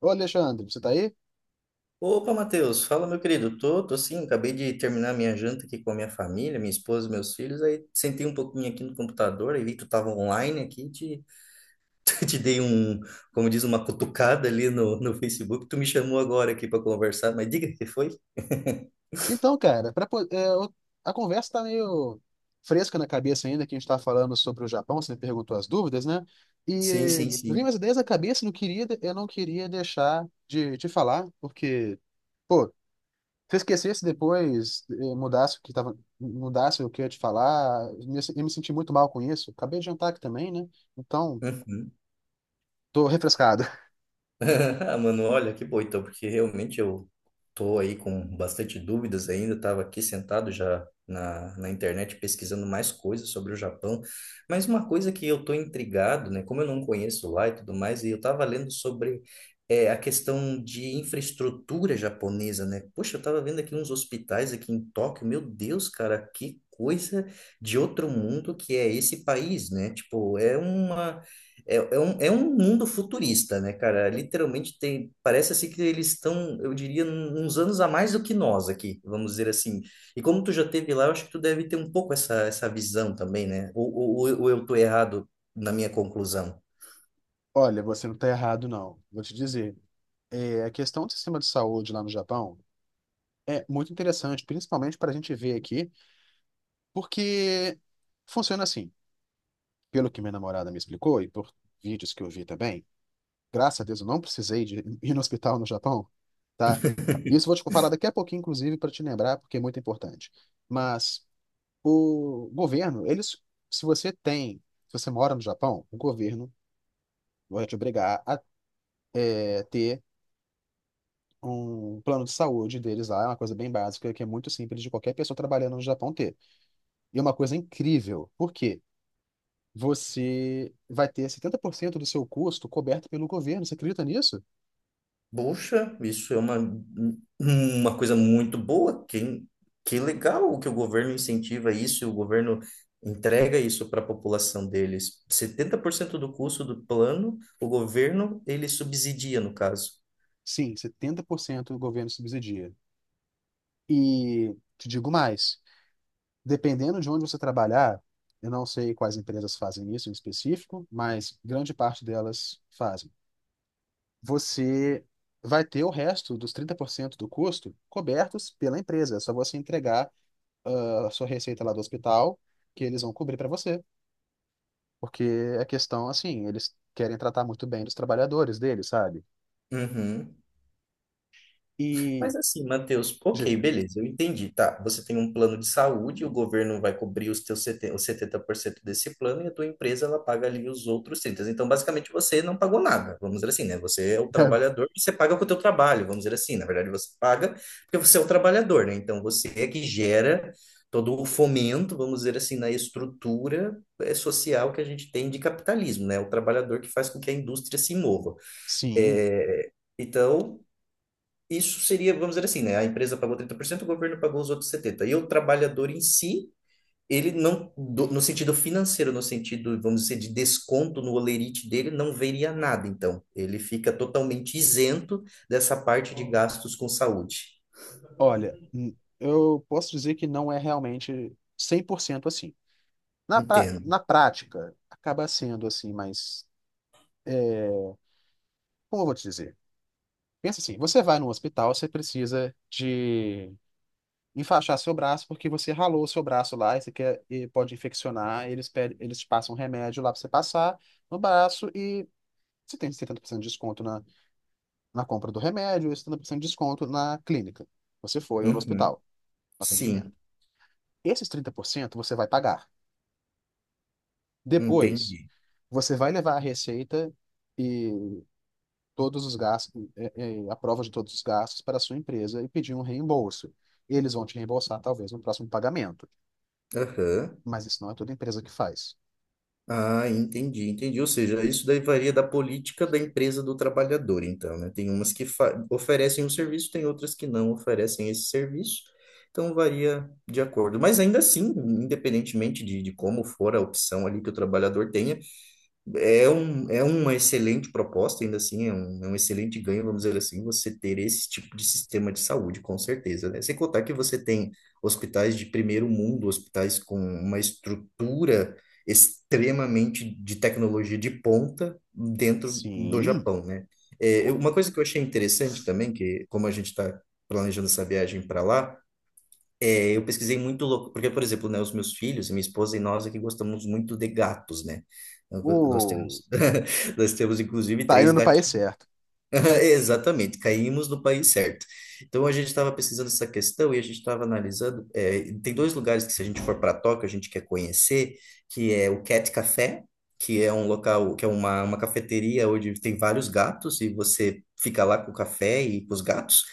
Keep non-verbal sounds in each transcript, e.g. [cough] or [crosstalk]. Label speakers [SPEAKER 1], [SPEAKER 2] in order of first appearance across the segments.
[SPEAKER 1] Ô, Alexandre, você tá aí?
[SPEAKER 2] Opa, Matheus, fala, meu querido. Tô sim, acabei de terminar minha janta aqui com a minha família, minha esposa, meus filhos. Aí sentei um pouquinho aqui no computador. Aí vi que tu tava online aqui, [laughs] te dei um, como diz, uma cutucada ali no Facebook. Tu me chamou agora aqui para conversar, mas diga o que foi. [laughs]
[SPEAKER 1] Então, cara, pra, po- é, eu- a conversa tá meio fresca na cabeça ainda, que a gente tá falando sobre o Japão, você me perguntou as dúvidas, né?
[SPEAKER 2] Sim,
[SPEAKER 1] E
[SPEAKER 2] sim,
[SPEAKER 1] vim
[SPEAKER 2] sim.
[SPEAKER 1] umas ideias na cabeça, eu não queria deixar de te falar, porque, pô, se eu esquecesse depois, mudasse o que eu ia te falar, eu me senti muito mal com isso. Acabei de jantar aqui também, né? Então,
[SPEAKER 2] Uhum.
[SPEAKER 1] tô refrescado. [laughs]
[SPEAKER 2] [laughs] Ah, mano, olha, que bom então, porque realmente eu tô aí com bastante dúvidas ainda, estava aqui sentado já na internet pesquisando mais coisas sobre o Japão, mas uma coisa que eu tô intrigado, né, como eu não conheço lá e tudo mais, e eu tava lendo sobre a questão de infraestrutura japonesa, né. Poxa, eu tava vendo aqui uns hospitais aqui em Tóquio, meu Deus, cara, que coisa de outro mundo que é esse país, né, tipo, é uma é um mundo futurista, né, cara? Literalmente tem, parece assim que eles estão, eu diria, uns anos a mais do que nós aqui, vamos dizer assim. E como tu já teve lá, eu acho que tu deve ter um pouco essa visão também, né? Ou eu tô errado na minha conclusão?
[SPEAKER 1] Olha, você não tá errado, não. Vou te dizer. É, a questão do sistema de saúde lá no Japão é muito interessante, principalmente para a gente ver aqui, porque funciona assim. Pelo que minha namorada me explicou e por vídeos que eu vi também, graças a Deus eu não precisei de [laughs] ir no hospital no Japão, tá? Isso
[SPEAKER 2] [laughs]
[SPEAKER 1] eu vou te falar daqui a pouquinho, inclusive, para te lembrar, porque é muito importante. Mas o governo, eles, se você tem, se você mora no Japão, o governo vai te obrigar a ter um plano de saúde deles lá, é uma coisa bem básica, que é muito simples de qualquer pessoa trabalhando no Japão ter. E é uma coisa incrível. Por quê? Você vai ter 70% do seu custo coberto pelo governo. Você acredita nisso?
[SPEAKER 2] Poxa, isso é uma coisa muito boa. Que legal que o governo incentiva isso e o governo entrega isso para a população deles. 70% do custo do plano, o governo, ele subsidia, no caso.
[SPEAKER 1] Sim, 70% do governo subsidia. E te digo mais, dependendo de onde você trabalhar, eu não sei quais empresas fazem isso em específico, mas grande parte delas fazem. Você vai ter o resto dos 30% do custo cobertos pela empresa. É só você entregar a sua receita lá do hospital, que eles vão cobrir para você. Porque é questão, assim, eles querem tratar muito bem dos trabalhadores deles, sabe?
[SPEAKER 2] Uhum.
[SPEAKER 1] E,
[SPEAKER 2] Mas assim, Matheus, ok,
[SPEAKER 1] diga.
[SPEAKER 2] beleza, eu entendi, tá? Você tem um plano de saúde, o governo vai cobrir os teus 70, os 70% desse plano e a tua empresa ela paga ali os outros 30%. Então, basicamente, você não pagou nada, vamos dizer assim, né? Você é o
[SPEAKER 1] [laughs]
[SPEAKER 2] trabalhador e você paga com o teu trabalho, vamos dizer assim. Na verdade, você paga porque você é o trabalhador, né? Então, você é que gera todo o fomento, vamos dizer assim, na estrutura social que a gente tem de capitalismo, né? O trabalhador que faz com que a indústria se mova.
[SPEAKER 1] Sim,
[SPEAKER 2] É, então, isso seria, vamos dizer assim, né? A empresa pagou 30%, o governo pagou os outros 70%. E o trabalhador em si, ele não, no sentido financeiro, no sentido, vamos dizer, de desconto no holerite dele, não veria nada. Então, ele fica totalmente isento dessa parte de gastos com saúde.
[SPEAKER 1] olha, eu posso dizer que não é realmente 100% assim. Na, pra-
[SPEAKER 2] Entendo.
[SPEAKER 1] na prática, acaba sendo assim, mas como eu vou te dizer? Pensa assim, você vai no hospital, você precisa de enfaixar seu braço porque você ralou seu braço lá e pode infeccionar, eles te passam um remédio lá para você passar no braço e você tem 70% de desconto na compra do remédio, e 70% de desconto na clínica. Você foi ou no
[SPEAKER 2] Uhum.
[SPEAKER 1] hospital, no atendimento.
[SPEAKER 2] Sim,
[SPEAKER 1] Esses 30% você vai pagar. Depois,
[SPEAKER 2] entendi.
[SPEAKER 1] você vai levar a receita e todos os gastos, a prova de todos os gastos para a sua empresa e pedir um reembolso. Eles vão te reembolsar, talvez, no próximo pagamento.
[SPEAKER 2] Aham.
[SPEAKER 1] Mas isso não é toda empresa que faz.
[SPEAKER 2] Ah, entendi, entendi. Ou seja, isso daí varia da política da empresa do trabalhador, então, né? Tem umas que oferecem um serviço, tem outras que não oferecem esse serviço. Então, varia de acordo. Mas ainda assim, independentemente de como for a opção ali que o trabalhador tenha, é uma excelente proposta, ainda assim, é um excelente ganho, vamos dizer assim, você ter esse tipo de sistema de saúde, com certeza, né? Sem contar que você tem hospitais de primeiro mundo, hospitais com uma estrutura extremamente de tecnologia de ponta dentro do
[SPEAKER 1] Sim,
[SPEAKER 2] Japão, né?
[SPEAKER 1] com-
[SPEAKER 2] Uma coisa que eu achei interessante também, que como a gente está planejando essa viagem para lá, eu pesquisei muito louco, porque, por exemplo, né, os meus filhos, minha esposa e nós aqui gostamos muito de gatos, né? Nós
[SPEAKER 1] o...
[SPEAKER 2] temos, [laughs] nós temos inclusive
[SPEAKER 1] tá indo
[SPEAKER 2] três.
[SPEAKER 1] no país certo.
[SPEAKER 2] [laughs] Exatamente, caímos no país certo. Então a gente estava pesquisando essa questão e a gente estava analisando, tem dois lugares que, se a gente for para Tóquio, a gente quer conhecer, que é o Cat Café, que é um local, que é uma cafeteria onde tem vários gatos e você fica lá com o café e com os gatos.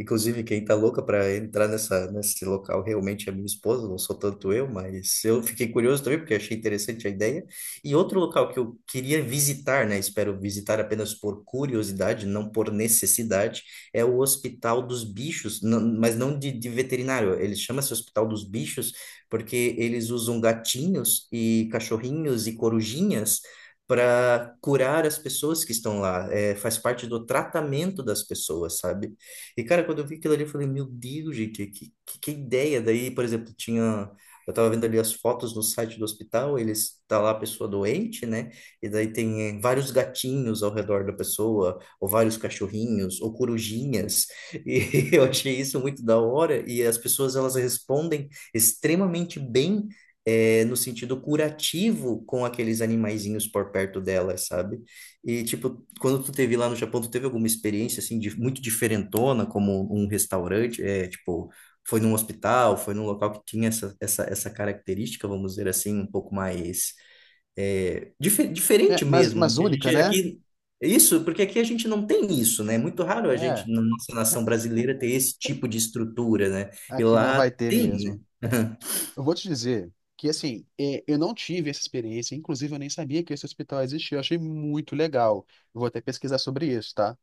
[SPEAKER 2] Inclusive, quem tá louca para entrar nessa, nesse local realmente é minha esposa, não sou tanto eu, mas eu fiquei curioso também, porque achei interessante a ideia. E outro local que eu queria visitar, né? Espero visitar apenas por curiosidade, não por necessidade, é o Hospital dos Bichos, mas não de veterinário. Ele chama-se Hospital dos Bichos porque eles usam gatinhos e cachorrinhos e corujinhas para curar as pessoas que estão lá. É, faz parte do tratamento das pessoas, sabe? E, cara, quando eu vi aquilo ali, eu falei, meu Deus, gente, que, que ideia! Daí, por exemplo, tinha. Eu tava vendo ali as fotos no site do hospital, eles tá lá a pessoa doente, né? E daí tem vários gatinhos ao redor da pessoa, ou vários cachorrinhos, ou corujinhas. E [laughs] eu achei isso muito da hora. E as pessoas elas respondem extremamente bem, no sentido curativo com aqueles animaizinhos por perto delas, sabe? E tipo, quando tu teve lá no Japão, tu teve alguma experiência assim de muito diferentona, como um restaurante, tipo foi num hospital, foi num local que tinha essa, essa característica, vamos dizer assim, um pouco mais
[SPEAKER 1] É,
[SPEAKER 2] diferente
[SPEAKER 1] mas,
[SPEAKER 2] mesmo, né?
[SPEAKER 1] mas
[SPEAKER 2] Que a gente
[SPEAKER 1] única, né?
[SPEAKER 2] aqui isso, porque aqui a gente não tem isso, né? É muito raro a
[SPEAKER 1] É,
[SPEAKER 2] gente na nossa nação brasileira ter esse tipo de estrutura, né? E
[SPEAKER 1] aqui não
[SPEAKER 2] lá
[SPEAKER 1] vai ter
[SPEAKER 2] tem, né?
[SPEAKER 1] mesmo. Eu vou te dizer que, assim, eu não tive essa experiência, inclusive eu nem sabia que esse hospital existia, eu achei muito legal. Eu vou até pesquisar sobre isso, tá?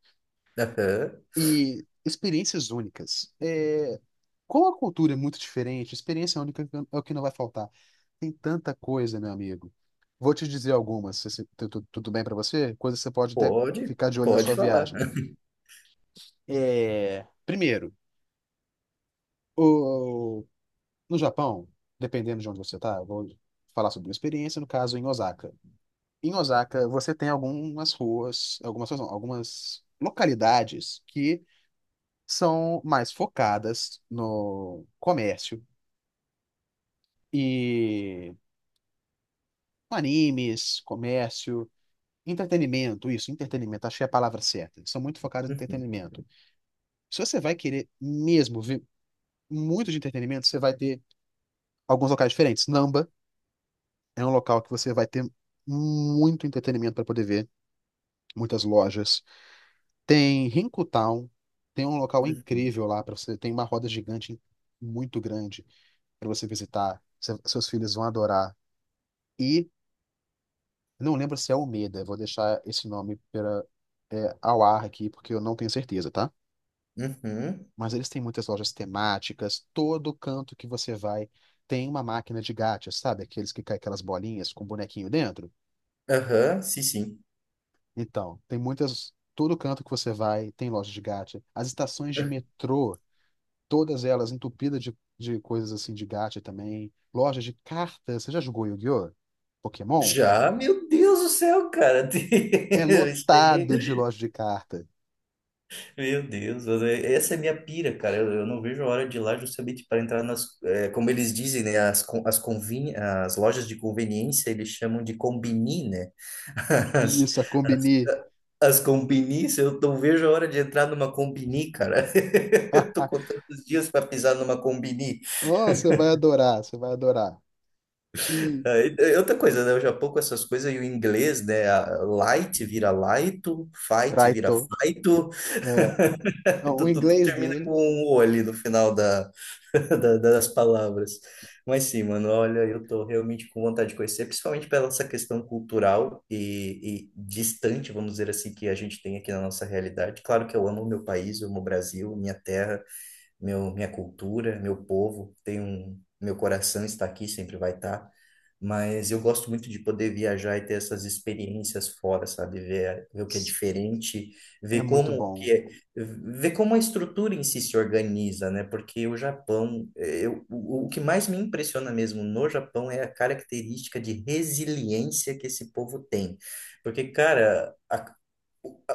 [SPEAKER 2] Aham.
[SPEAKER 1] E experiências únicas. É, como a cultura é muito diferente, experiência única é o que não vai faltar. Tem tanta coisa, meu amigo. Vou te dizer algumas, tudo bem pra você? Coisas que você pode até
[SPEAKER 2] Pode,
[SPEAKER 1] ficar de olho na
[SPEAKER 2] pode
[SPEAKER 1] sua
[SPEAKER 2] falar.
[SPEAKER 1] viagem. É, primeiro, o- no Japão, dependendo de onde você tá, eu vou falar sobre minha experiência, no caso em Osaka. Em Osaka, você tem algumas, ruas não, algumas localidades que são mais focadas no comércio e animes, comércio, entretenimento, isso, entretenimento, achei a palavra certa. São muito focados no
[SPEAKER 2] [laughs]
[SPEAKER 1] entretenimento. Se você vai querer mesmo ver muito de entretenimento, você vai ter alguns locais diferentes. Namba é um local que você vai ter muito entretenimento para poder ver, muitas lojas. Tem Town, tem um local incrível lá para você, tem uma roda gigante muito grande para você visitar. Seus filhos vão adorar. E não lembro se é Almeida, vou deixar esse nome pela, ao ar aqui porque eu não tenho certeza, tá?
[SPEAKER 2] Uhum,
[SPEAKER 1] Mas eles têm muitas lojas temáticas, todo canto que você vai tem uma máquina de gacha, sabe? Aqueles que caem aquelas bolinhas com bonequinho dentro.
[SPEAKER 2] aham, sim, sim.
[SPEAKER 1] Então, tem muitas, todo canto que você vai tem loja de gacha. As estações de metrô, todas elas entupidas de coisas assim de gacha também. Lojas de cartas. Você já jogou Yu-Gi-Oh? Pokémon?
[SPEAKER 2] Já, meu Deus do céu, cara. [laughs]
[SPEAKER 1] É
[SPEAKER 2] Isso aí.
[SPEAKER 1] lotado de loja de carta.
[SPEAKER 2] Meu Deus, essa é minha pira, cara. Eu não vejo a hora de ir lá justamente para entrar nas, como eles dizem, né? As lojas de conveniência, eles chamam de combini, né? [laughs] As,
[SPEAKER 1] Isso, a Combini.
[SPEAKER 2] as combinis, eu não vejo a hora de entrar numa combini, cara. [laughs] Eu tô
[SPEAKER 1] [laughs]
[SPEAKER 2] contando os dias para pisar numa combini.
[SPEAKER 1] Oh, você vai adorar, você vai adorar. E
[SPEAKER 2] Aí, é outra coisa, né? O Japão com essas coisas e o inglês, né? A Light vira light, fight vira
[SPEAKER 1] Raito.
[SPEAKER 2] fight. [laughs]
[SPEAKER 1] É. Não, o
[SPEAKER 2] Tu
[SPEAKER 1] inglês
[SPEAKER 2] termina com
[SPEAKER 1] deles
[SPEAKER 2] um O ali no final [laughs] das palavras. Mas sim, mano, olha, eu tô realmente com vontade de conhecer, principalmente pela essa questão cultural e distante, vamos dizer assim, que a gente tem aqui na nossa realidade. Claro que eu amo o meu país, eu amo o Brasil, minha terra, meu, minha cultura, meu povo, tem um, meu coração está aqui, sempre vai estar. Mas eu gosto muito de poder viajar e ter essas experiências fora, sabe? Ver o que é diferente,
[SPEAKER 1] é
[SPEAKER 2] ver
[SPEAKER 1] muito
[SPEAKER 2] como que
[SPEAKER 1] bom.
[SPEAKER 2] é, ver como a estrutura em si se organiza, né? Porque o Japão, eh, eu, o que mais me impressiona mesmo no Japão é a característica de resiliência que esse povo tem. Porque, cara, a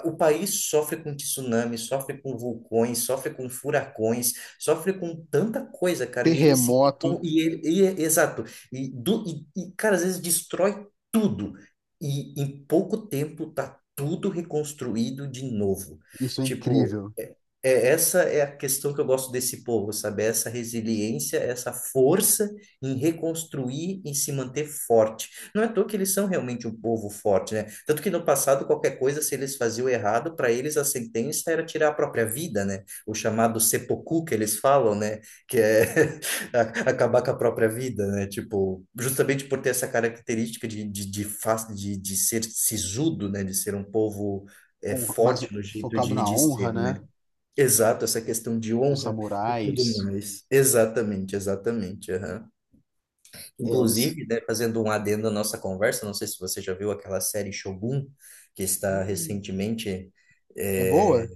[SPEAKER 2] o país sofre com tsunami, sofre com vulcões, sofre com furacões, sofre com tanta coisa, cara. E ele se.
[SPEAKER 1] Terremoto,
[SPEAKER 2] Exato. E, do, e, cara, às vezes destrói tudo. E em pouco tempo tá tudo reconstruído de novo.
[SPEAKER 1] isso é
[SPEAKER 2] Tipo,
[SPEAKER 1] incrível.
[SPEAKER 2] essa é a questão que eu gosto desse povo, sabe? É essa resiliência, é essa força em reconstruir e se manter forte. Não é à toa que eles são realmente um povo forte, né? Tanto que no passado, qualquer coisa, se eles faziam errado, para eles a sentença era tirar a própria vida, né? O chamado seppuku que eles falam, né? Que é [laughs] a- acabar com a própria vida, né? Tipo, justamente por ter essa característica de ser sisudo, né? De ser um povo. É
[SPEAKER 1] Mas
[SPEAKER 2] forte no jeito
[SPEAKER 1] focado
[SPEAKER 2] de,
[SPEAKER 1] na
[SPEAKER 2] de
[SPEAKER 1] honra,
[SPEAKER 2] ser, né?
[SPEAKER 1] né?
[SPEAKER 2] Exato, essa questão de
[SPEAKER 1] Dos
[SPEAKER 2] honra e tudo
[SPEAKER 1] samurais.
[SPEAKER 2] mais. Exatamente, exatamente. Aham.
[SPEAKER 1] É, eles.
[SPEAKER 2] Inclusive, né, fazendo um adendo à nossa conversa, não sei se você já viu aquela série Shogun, que está
[SPEAKER 1] Hum,
[SPEAKER 2] recentemente.
[SPEAKER 1] é
[SPEAKER 2] é,
[SPEAKER 1] boa?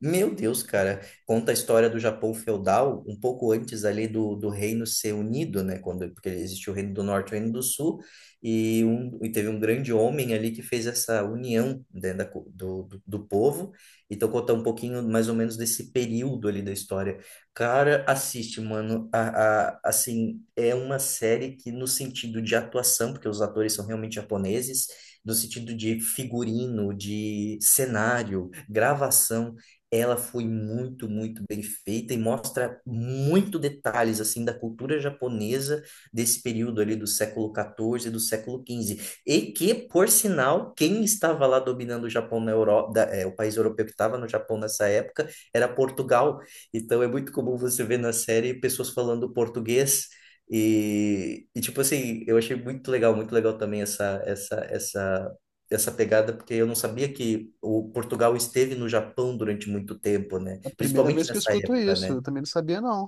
[SPEAKER 2] Meu Deus, cara, conta a história do Japão feudal, um pouco antes ali do reino ser unido, né? Quando, porque existiu o reino do norte e o reino do sul, e teve um grande homem ali que fez essa união dentro da, co- do, do, do povo. Então, conta um pouquinho mais ou menos desse período ali da história. Cara, assiste, mano. Assim, é uma série que, no sentido de atuação, porque os atores são realmente japoneses, no sentido de figurino, de cenário, gravação, ela foi muito, muito bem feita e mostra muito detalhes, assim, da cultura japonesa desse período ali do século XIV e do século XV. E que, por sinal, quem estava lá dominando o Japão na Europa, o país europeu que estava no Japão nessa época, era Portugal. Então é muito comum você ver na série pessoas falando português e tipo assim, eu achei muito legal também essa pegada, porque eu não sabia que o Portugal esteve no Japão durante muito tempo, né?
[SPEAKER 1] É a primeira
[SPEAKER 2] Principalmente
[SPEAKER 1] vez que eu
[SPEAKER 2] nessa
[SPEAKER 1] escuto
[SPEAKER 2] época,
[SPEAKER 1] isso.
[SPEAKER 2] né?
[SPEAKER 1] Eu também não sabia, não.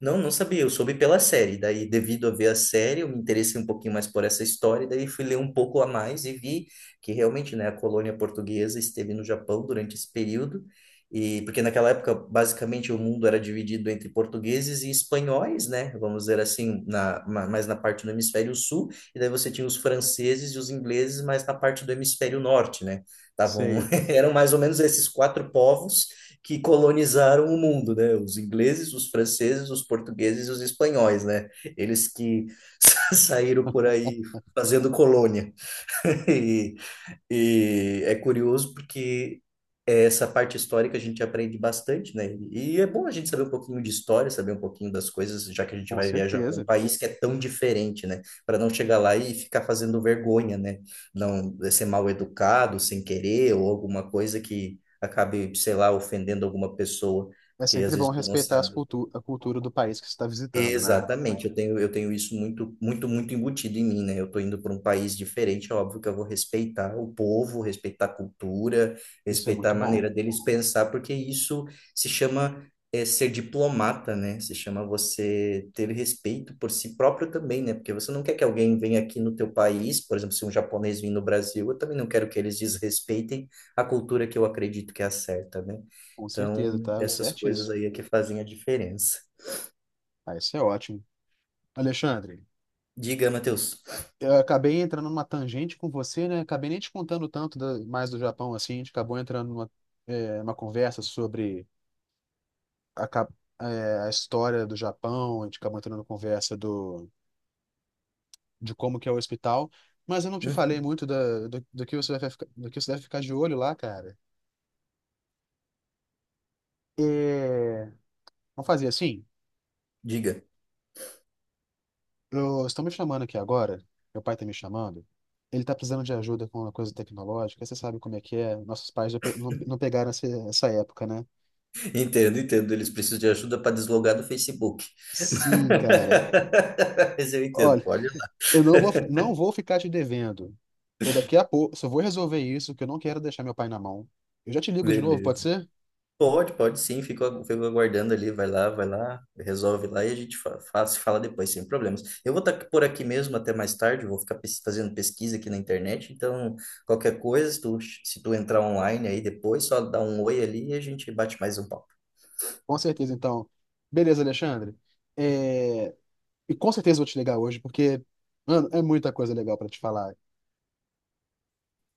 [SPEAKER 2] Não, não sabia, eu soube pela série. Daí, devido a ver a série, eu me interessei um pouquinho mais por essa história, daí fui ler um pouco a mais e vi que realmente, né, a colônia portuguesa esteve no Japão durante esse período. E porque naquela época, basicamente, o mundo era dividido entre portugueses e espanhóis, né? Vamos dizer assim, mais na parte do hemisfério sul, e daí você tinha os franceses e os ingleses mais na parte do hemisfério norte, né? Tavam,
[SPEAKER 1] Sei,
[SPEAKER 2] [laughs] eram mais ou menos esses quatro povos que colonizaram o mundo, né? Os ingleses, os franceses, os portugueses e os espanhóis, né? Eles que [laughs] saíram por aí fazendo colônia. [laughs] E, e é curioso porque essa parte histórica a gente aprende bastante, né? E é bom a gente saber um pouquinho de história, saber um pouquinho das coisas, já que a gente
[SPEAKER 1] com
[SPEAKER 2] vai viajar para um
[SPEAKER 1] certeza.
[SPEAKER 2] país que é tão diferente, né? Para não chegar lá e ficar fazendo vergonha, né? Não ser mal educado, sem querer, ou alguma coisa que acabe, sei lá, ofendendo alguma pessoa,
[SPEAKER 1] É
[SPEAKER 2] porque às
[SPEAKER 1] sempre bom
[SPEAKER 2] vezes tu não
[SPEAKER 1] respeitar as
[SPEAKER 2] sabe.
[SPEAKER 1] cultu a cultura do país que você está visitando, né?
[SPEAKER 2] Exatamente, eu tenho isso muito, muito, muito embutido em mim, né? Eu tô indo para um país diferente, é óbvio que eu vou respeitar o povo, respeitar a cultura,
[SPEAKER 1] Isso é
[SPEAKER 2] respeitar a
[SPEAKER 1] muito bom.
[SPEAKER 2] maneira deles pensar, porque isso se chama ser diplomata, né? Se chama você ter respeito por si próprio também, né? Porque você não quer que alguém venha aqui no teu país, por exemplo, se um japonês vir no Brasil, eu também não quero que eles desrespeitem a cultura que eu acredito que é a certa, né?
[SPEAKER 1] Com certeza,
[SPEAKER 2] Então,
[SPEAKER 1] tá
[SPEAKER 2] essas coisas
[SPEAKER 1] certíssimo.
[SPEAKER 2] aí é que fazem a diferença.
[SPEAKER 1] Ah, isso é ótimo. Alexandre,
[SPEAKER 2] Diga, Matheus.
[SPEAKER 1] eu acabei entrando numa tangente com você, né? Acabei nem te contando tanto mais do Japão, assim. A gente acabou entrando numa uma conversa sobre a, cap- a história do Japão, a gente acabou entrando numa conversa de como que é o hospital. Mas eu não te falei
[SPEAKER 2] Hum.
[SPEAKER 1] muito do que você vai ficar, do que você deve ficar de olho lá, cara. É, vamos fazer assim?
[SPEAKER 2] Diga.
[SPEAKER 1] Eu estou me chamando aqui agora, meu pai está me chamando. Ele está precisando de ajuda com uma coisa tecnológica, você sabe como é que é. Nossos pais já não, não pegaram essa época, né?
[SPEAKER 2] Entendo, entendo. Eles precisam de ajuda para deslogar do Facebook. [laughs]
[SPEAKER 1] Sim, cara.
[SPEAKER 2] Mas eu entendo.
[SPEAKER 1] Olha,
[SPEAKER 2] Pode ir lá.
[SPEAKER 1] eu não vou ficar te devendo. Eu daqui a pouco só vou resolver isso, que eu não quero deixar meu pai na mão. Eu já te ligo de novo, pode
[SPEAKER 2] Beleza.
[SPEAKER 1] ser?
[SPEAKER 2] Pode, pode sim. Fico aguardando ali. Vai lá, vai lá. Resolve lá e a gente se fala depois, sem problemas. Eu vou estar por aqui mesmo até mais tarde. Vou ficar fazendo pesquisa aqui na internet. Então, qualquer coisa, se tu entrar online aí depois, só dá um oi ali e a gente bate mais um papo.
[SPEAKER 1] Com certeza, então. Beleza, Alexandre. É, E com certeza eu vou te ligar hoje, porque, mano, é muita coisa legal para te falar.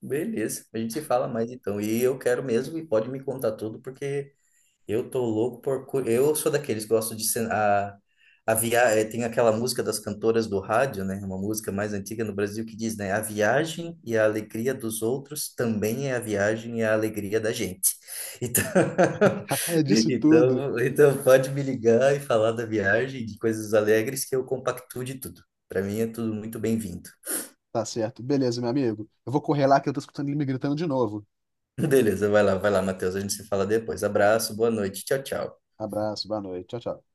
[SPEAKER 2] Beleza. A gente se fala mais então. E eu quero mesmo e pode me contar tudo, porque. Eu tô louco por. Eu sou daqueles que gostam de. Tem aquela música das cantoras do rádio, né? Uma música mais antiga no Brasil que diz, né? A viagem e a alegria dos outros também é a viagem e a alegria da gente. Então,
[SPEAKER 1] [laughs]
[SPEAKER 2] [laughs]
[SPEAKER 1] Disso tudo.
[SPEAKER 2] então pode me ligar e falar da viagem, de coisas alegres, que eu compactuo de tudo. Para mim é tudo muito bem-vindo. [laughs]
[SPEAKER 1] Tá certo. Beleza, meu amigo. Eu vou correr lá que eu tô escutando ele me gritando de novo.
[SPEAKER 2] Beleza, vai lá, Matheus. A gente se fala depois. Abraço, boa noite. Tchau, tchau.
[SPEAKER 1] Abraço, boa noite. Tchau, tchau.